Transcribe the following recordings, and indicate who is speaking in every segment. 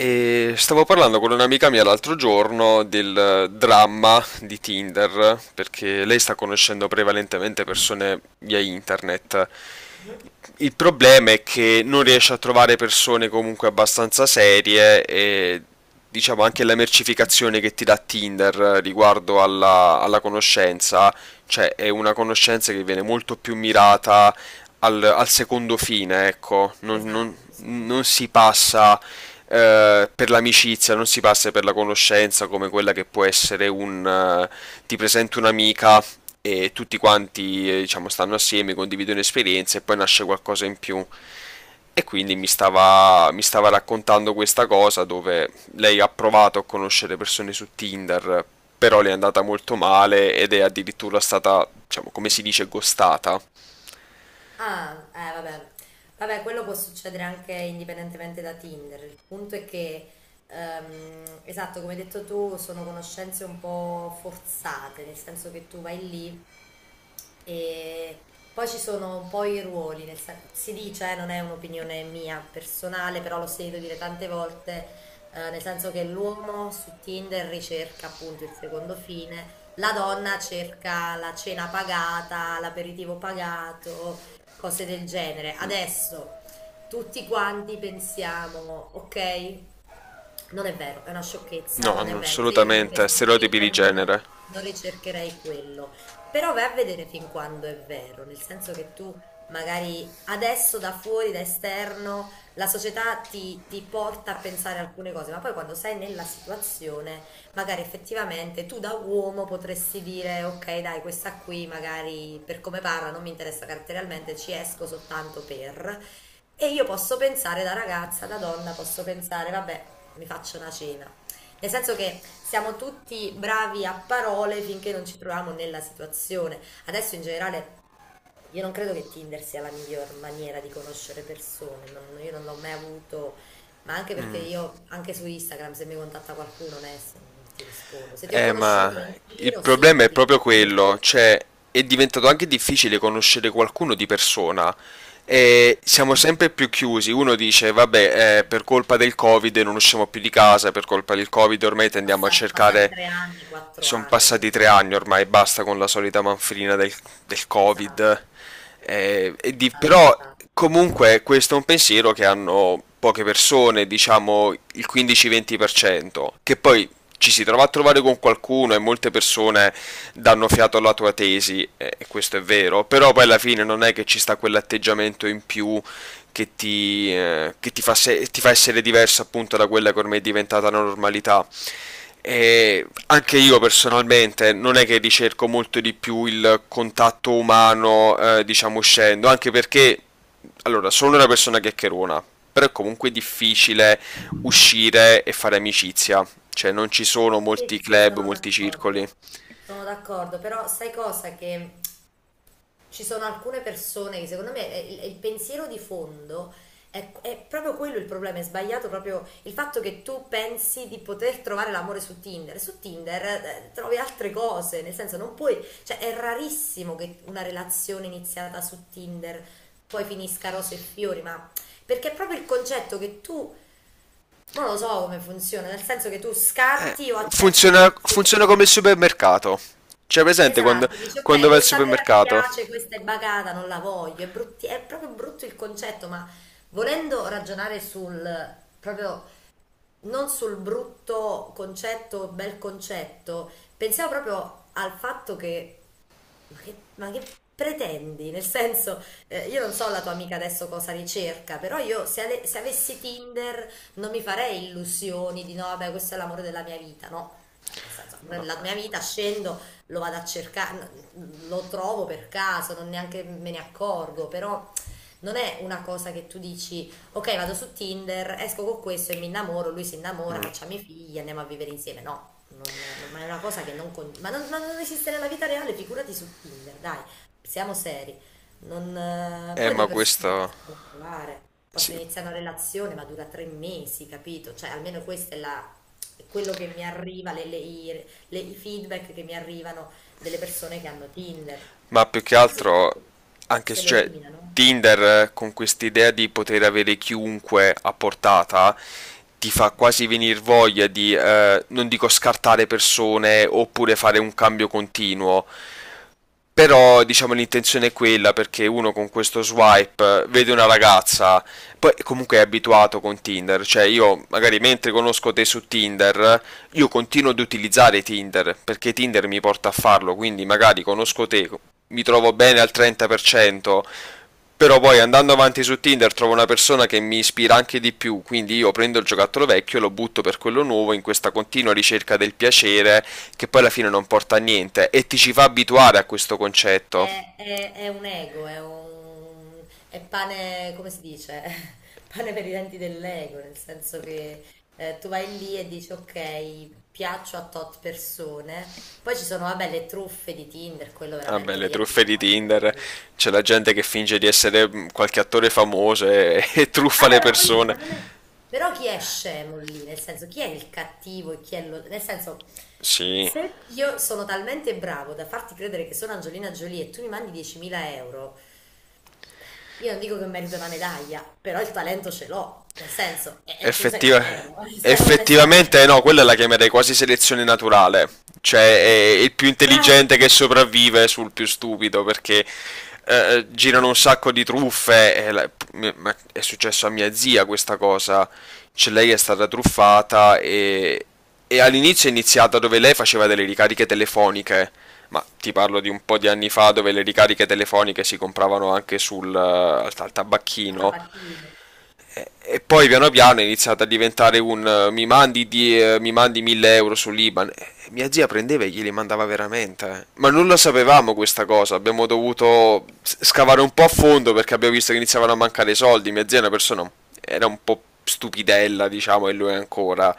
Speaker 1: E stavo parlando con un'amica mia l'altro giorno del dramma di Tinder, perché lei sta conoscendo prevalentemente persone via internet. Il problema è che non riesce a trovare persone comunque abbastanza serie e diciamo anche la mercificazione che ti dà Tinder riguardo alla conoscenza, cioè è una conoscenza che viene molto più mirata al secondo fine, ecco,
Speaker 2: Esatto, sì.
Speaker 1: non si passa per l'amicizia, non si passa per la conoscenza come quella che può essere un ti presento un'amica e tutti quanti diciamo stanno assieme, condividono esperienze e poi nasce qualcosa in più. E quindi mi stava raccontando questa cosa dove lei ha provato a conoscere persone su Tinder, però le è andata molto male ed è addirittura stata, diciamo, come si dice, ghostata.
Speaker 2: Ah, vabbè. Vabbè, quello può succedere anche indipendentemente da Tinder. Il punto è che, esatto, come hai detto tu, sono conoscenze un po' forzate, nel senso che tu vai lì e poi ci sono un po' i ruoli, si dice, non è un'opinione mia personale, però l'ho sentito dire tante volte, nel senso che l'uomo su Tinder ricerca appunto il secondo fine, la donna cerca la cena pagata, l'aperitivo pagato cose del genere. Adesso tutti quanti pensiamo, ok, non è vero, è una sciocchezza,
Speaker 1: No,
Speaker 2: non è vero. Se io mi
Speaker 1: assolutamente,
Speaker 2: mettessi su
Speaker 1: stereotipi di
Speaker 2: Tinder non,
Speaker 1: genere.
Speaker 2: non ricercherei quello. Però vai a vedere fin quando è vero, nel senso che tu magari adesso da fuori, da esterno, la società ti porta a pensare alcune cose, ma poi quando sei nella situazione magari effettivamente tu da uomo potresti dire ok, dai, questa qui magari per come parla non mi interessa caratterialmente, ci esco soltanto per. E io posso pensare da ragazza, da donna, posso pensare, vabbè, mi faccio una cena. Nel senso che siamo tutti bravi a parole finché non ci troviamo nella situazione. Adesso in generale io non credo che Tinder sia la miglior maniera di conoscere persone, io non l'ho mai avuto, ma anche perché io anche su Instagram se mi contatta qualcuno Ness, non ti rispondo. Se ti ho
Speaker 1: Ma
Speaker 2: conosciuto in
Speaker 1: il
Speaker 2: giro,
Speaker 1: problema
Speaker 2: sì,
Speaker 1: è
Speaker 2: ti
Speaker 1: proprio
Speaker 2: rispondo.
Speaker 1: quello, cioè è diventato anche difficile conoscere qualcuno di persona. E siamo sempre più chiusi. Uno dice, vabbè, per colpa del Covid non usciamo più di casa, per colpa del Covid ormai tendiamo a
Speaker 2: Sono passati
Speaker 1: cercare.
Speaker 2: 3 anni, quattro
Speaker 1: Sono
Speaker 2: anni, non è
Speaker 1: passati tre anni
Speaker 2: vero.
Speaker 1: ormai, basta con la solita manfrina del
Speaker 2: Esatto,
Speaker 1: Covid.
Speaker 2: esatto,
Speaker 1: Però
Speaker 2: esatto.
Speaker 1: comunque questo è un pensiero che hanno poche persone, diciamo il 15-20%, che poi ci si trova a trovare con qualcuno e molte persone danno fiato alla tua tesi, e questo è vero, però poi alla fine non è che ci sta quell'atteggiamento in più che ti fa, ti fa essere diverso appunto da quella che ormai è diventata la normalità. E anche io personalmente non è che ricerco molto di più il contatto umano, diciamo uscendo, anche perché, allora, sono una persona chiacchierona, però è comunque difficile uscire e fare amicizia, cioè non ci sono
Speaker 2: Sì,
Speaker 1: molti
Speaker 2: sì, sì,
Speaker 1: club,
Speaker 2: sono
Speaker 1: molti circoli.
Speaker 2: d'accordo. Sono d'accordo, però sai cosa, che ci sono alcune persone che secondo me il pensiero di fondo è proprio quello il problema, è sbagliato proprio il fatto che tu pensi di poter trovare l'amore su Tinder. Su Tinder trovi altre cose, nel senso non puoi, cioè è rarissimo che una relazione iniziata su Tinder poi finisca rose e fiori, ma perché è proprio il concetto che tu, ma non lo so come funziona, nel senso che tu
Speaker 1: Eh,
Speaker 2: scarti o accetti
Speaker 1: funziona come il
Speaker 2: persone.
Speaker 1: supermercato, cioè presente
Speaker 2: Esatto, dici
Speaker 1: quando
Speaker 2: ok,
Speaker 1: vai al
Speaker 2: questa pera mi
Speaker 1: supermercato?
Speaker 2: piace, questa è bagata, non la voglio, è proprio brutto il concetto, ma volendo ragionare sul proprio non sul brutto concetto, bel concetto, pensiamo proprio al fatto che ma che pretendi? Nel senso, io non so la tua amica adesso cosa ricerca, però io se avessi Tinder non mi farei illusioni di no, vabbè, questo è l'amore della mia vita, no? Cioè, nel senso, l'amore della mia vita scendo, lo vado a cercare, lo trovo per caso, non neanche me ne accorgo, però non è una cosa che tu dici, ok, vado su Tinder, esco con questo e mi innamoro, lui si innamora,
Speaker 1: Mm.
Speaker 2: facciamo i figli, andiamo a vivere insieme, no. Ma è una cosa che non, con- ma non esiste nella vita reale, figurati su Tinder, dai, siamo seri. Non, poi
Speaker 1: Ma
Speaker 2: due persone si
Speaker 1: questo...
Speaker 2: possono trovare,
Speaker 1: sì,
Speaker 2: possono iniziare una relazione, ma dura 3 mesi, capito? Cioè, almeno questo è quello che mi arriva, i feedback che mi arrivano delle persone che hanno Tinder.
Speaker 1: ma più che
Speaker 2: Sì, poi
Speaker 1: altro
Speaker 2: se lo
Speaker 1: cioè,
Speaker 2: eliminano.
Speaker 1: Tinder, con quest'idea di poter avere chiunque a portata ti fa quasi venir voglia di, non dico scartare persone oppure fare un cambio continuo, però diciamo l'intenzione è quella perché uno con questo swipe vede una ragazza, poi comunque è abituato con Tinder, cioè io magari mentre conosco te su Tinder, io continuo ad utilizzare Tinder perché Tinder mi porta a farlo, quindi magari conosco te, mi trovo bene al 30%, però poi andando avanti su Tinder trovo una persona che mi ispira anche di più, quindi io prendo il giocattolo vecchio e lo butto per quello nuovo in questa continua ricerca del piacere che poi alla fine non porta a niente e ti ci fa abituare a questo concetto.
Speaker 2: È un ego, è pane, come si dice? Pane per i denti dell'ego, nel senso che tu vai lì e dici ok, piaccio a tot persone, poi ci sono, vabbè, le truffe di Tinder, quello
Speaker 1: Vabbè, ah,
Speaker 2: veramente
Speaker 1: le
Speaker 2: lì
Speaker 1: truffe di
Speaker 2: arriviamo a
Speaker 1: Tinder,
Speaker 2: livelli.
Speaker 1: c'è la gente che finge di essere qualche attore famoso e, e truffa le
Speaker 2: Vabbè, ma poi, ma
Speaker 1: persone.
Speaker 2: non è... Però chi è scemo lì? Nel senso, chi è il cattivo e chi è lo... Nel senso,
Speaker 1: Sì,
Speaker 2: se io sono talmente bravo da farti credere che sono Angelina Jolie e tu mi mandi 10.000 euro. Io non dico che merito una medaglia, però il talento ce l'ho, nel senso, e tu sei
Speaker 1: Effettiva-
Speaker 2: scemo, onestamente.
Speaker 1: effettivamente no, quella la chiamerei quasi selezione naturale, cioè è il più
Speaker 2: Bravo,
Speaker 1: intelligente che sopravvive sul più stupido perché girano un sacco di truffe, e ma è successo a mia zia questa cosa, cioè lei è stata truffata e all'inizio è iniziata dove lei faceva delle ricariche telefoniche, ma ti parlo di un po' di anni fa dove le ricariche telefoniche si compravano anche sul, al al
Speaker 2: a
Speaker 1: tabacchino
Speaker 2: tabacchino.
Speaker 1: e poi piano piano è iniziato a diventare un mi mandi 1000 euro sull'Iban. E mia zia prendeva e glieli mandava veramente. Eh. Ma non lo sapevamo questa cosa, abbiamo dovuto scavare un po' a fondo perché abbiamo visto che iniziavano a mancare i soldi. Mia zia è una persona, era un po' stupidella, diciamo, e lui ancora.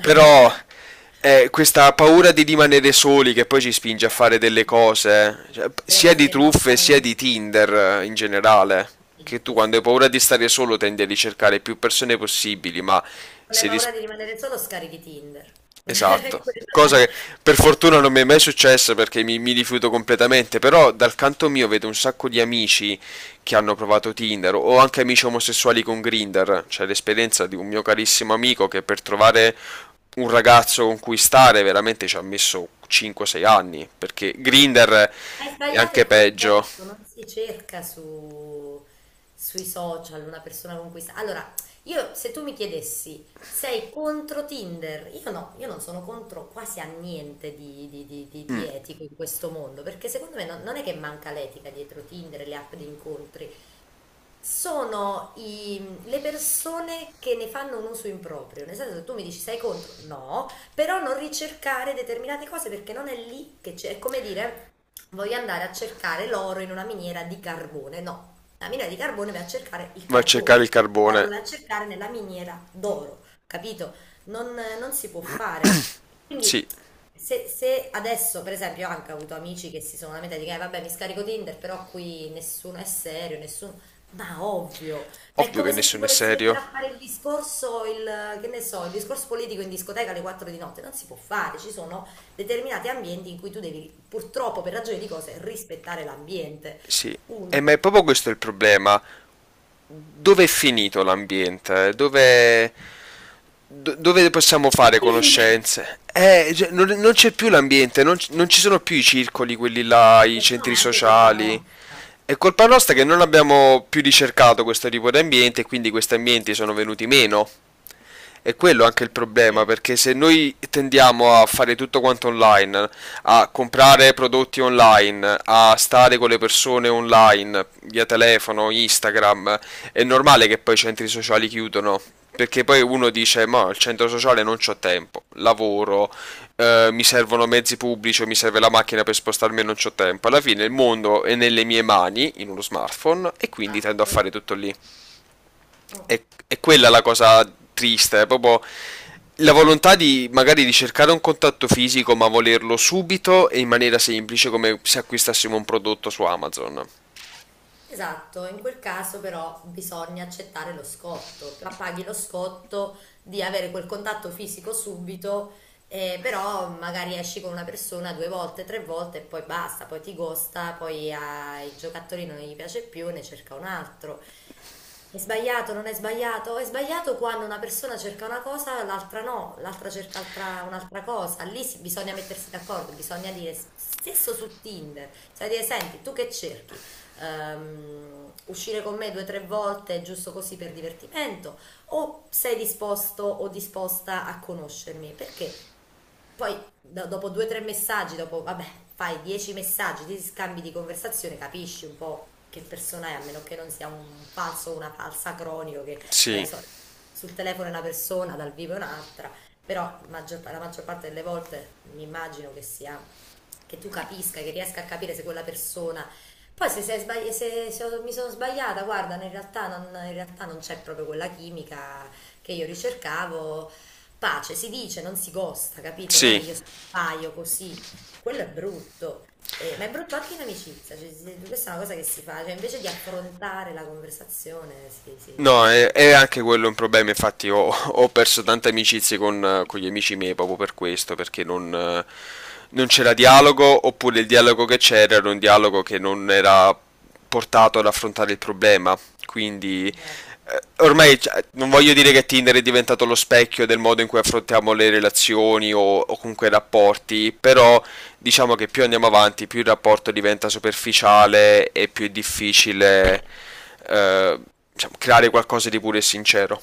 Speaker 1: Però è questa paura di rimanere soli che poi ci spinge a fare delle cose, cioè,
Speaker 2: Delle
Speaker 1: sia
Speaker 2: cose
Speaker 1: di
Speaker 2: che non
Speaker 1: truffe sia
Speaker 2: fare.
Speaker 1: di Tinder, in generale,
Speaker 2: Sì,
Speaker 1: che tu
Speaker 2: sì,
Speaker 1: quando
Speaker 2: sì.
Speaker 1: hai
Speaker 2: Non
Speaker 1: paura di stare solo tendi a ricercare più persone possibili, ma
Speaker 2: hai
Speaker 1: se,
Speaker 2: paura
Speaker 1: dis-
Speaker 2: di rimanere solo, scarichi Tinder.
Speaker 1: esatto,
Speaker 2: Quella là.
Speaker 1: cosa che per fortuna non mi è mai successa perché mi rifiuto completamente, però dal canto mio vedo un sacco di amici che hanno provato Tinder o anche amici omosessuali con Grindr, c'è l'esperienza di un mio carissimo amico che per trovare un ragazzo con cui stare veramente ci ha messo 5-6 anni, perché Grindr
Speaker 2: Hai
Speaker 1: è
Speaker 2: sbagliato
Speaker 1: anche
Speaker 2: il
Speaker 1: peggio,
Speaker 2: concetto, non si cerca sui social una persona con cui sta. Allora, io se tu mi chiedessi, sei contro Tinder? Io no, io non sono contro quasi a niente di, di etico in questo mondo, perché secondo me non è che manca l'etica dietro Tinder e le app di incontri, sono le persone che ne fanno un uso improprio, nel senso che tu mi dici sei contro, no, però non ricercare determinate cose perché non è lì che c'è, è come dire voglio andare a cercare l'oro in una miniera di carbone, no, la miniera di carbone va a cercare il
Speaker 1: va a cercare
Speaker 2: carbone,
Speaker 1: il
Speaker 2: l'oro lo
Speaker 1: carbone,
Speaker 2: va a cercare nella miniera d'oro, capito? Non si può fare.
Speaker 1: sì,
Speaker 2: Quindi se adesso, per esempio, ho anche avuto amici che si sono lamentati che vabbè mi scarico Tinder, però qui nessuno è serio, nessuno... Ma ovvio, ma è
Speaker 1: ovvio che
Speaker 2: come se ti
Speaker 1: nessuno è
Speaker 2: volessi
Speaker 1: serio,
Speaker 2: mettere a fare il discorso, che ne so, il discorso politico in discoteca alle 4 di notte, non si può fare, ci sono determinati ambienti in cui tu devi purtroppo per ragioni di cose rispettare l'ambiente,
Speaker 1: sì, e ma
Speaker 2: punto.
Speaker 1: è proprio questo il problema. Dove è finito l'ambiente? Dove possiamo fare
Speaker 2: Quindi,
Speaker 1: conoscenze? Cioè, non c'è più l'ambiente, non ci sono più i circoli, quelli là, i
Speaker 2: lo so,
Speaker 1: centri
Speaker 2: ma è anche colpa
Speaker 1: sociali.
Speaker 2: nostra.
Speaker 1: È colpa nostra che non abbiamo più ricercato questo tipo di ambiente e quindi questi ambienti sono venuti meno. È quello anche il problema,
Speaker 2: Sì,
Speaker 1: perché se noi tendiamo a fare tutto quanto online, a comprare prodotti online, a stare con le persone online, via telefono, Instagram, è normale che poi i centri sociali chiudono. Perché poi uno dice: ma al centro sociale non c'ho tempo, lavoro, mi servono mezzi pubblici, o mi serve la macchina per spostarmi e non c'ho tempo. Alla fine il mondo è nelle mie mani, in uno smartphone, e quindi tendo a
Speaker 2: esatto.
Speaker 1: fare tutto lì.
Speaker 2: Mm.
Speaker 1: è, è quella la cosa triste, è proprio la volontà di magari di cercare un contatto fisico, ma volerlo subito e in maniera semplice, come se acquistassimo un prodotto su Amazon.
Speaker 2: Esatto, in quel caso però bisogna accettare lo scotto, ma paghi lo scotto di avere quel contatto fisico subito, però magari esci con una persona due volte, tre volte e poi basta, poi ti gosta, poi ai giocatori non gli piace più, ne cerca un altro. È sbagliato, non è sbagliato? È sbagliato quando una persona cerca una cosa, l'altra no, l'altra cerca un'altra cosa. Lì bisogna mettersi d'accordo, bisogna dire, stesso su Tinder, sai dire, senti, tu che cerchi? Uscire con me due o tre volte giusto così per divertimento? O sei disposto o disposta a conoscermi? Perché poi dopo due o tre messaggi, dopo, vabbè, fai 10 messaggi, ti scambi di conversazione, capisci un po' che persona è, a meno che non sia un falso o una falsa cronico che dai
Speaker 1: Sì,
Speaker 2: sul telefono è una persona, dal vivo è un'altra, però la maggior parte delle volte mi immagino che sia, che tu capisca, che riesca a capire se quella persona... Poi se, sei sbagli- se- se ho- mi sono sbagliata, guarda, in realtà non c'è proprio quella chimica che io ricercavo pace, si dice, non si gosta, capito? Non è che
Speaker 1: sì,
Speaker 2: io sbaglio così, quello è brutto, Ma è brutto anche in amicizia, cioè, questa è una cosa che si fa, cioè invece di affrontare la conversazione, si, si, si,
Speaker 1: no,
Speaker 2: si-
Speaker 1: è anche quello un problema, infatti ho, ho perso tante amicizie con gli amici miei proprio per questo, perché non, non c'era dialogo, oppure il dialogo che c'era era un dialogo che non era portato ad affrontare il problema. Quindi
Speaker 2: Esatto.
Speaker 1: ormai cioè, non voglio dire che Tinder è diventato lo specchio del modo in cui affrontiamo le relazioni o comunque i rapporti, però diciamo che più andiamo avanti, più il rapporto diventa superficiale e più è difficile eh, diciamo, creare qualcosa di puro e sincero.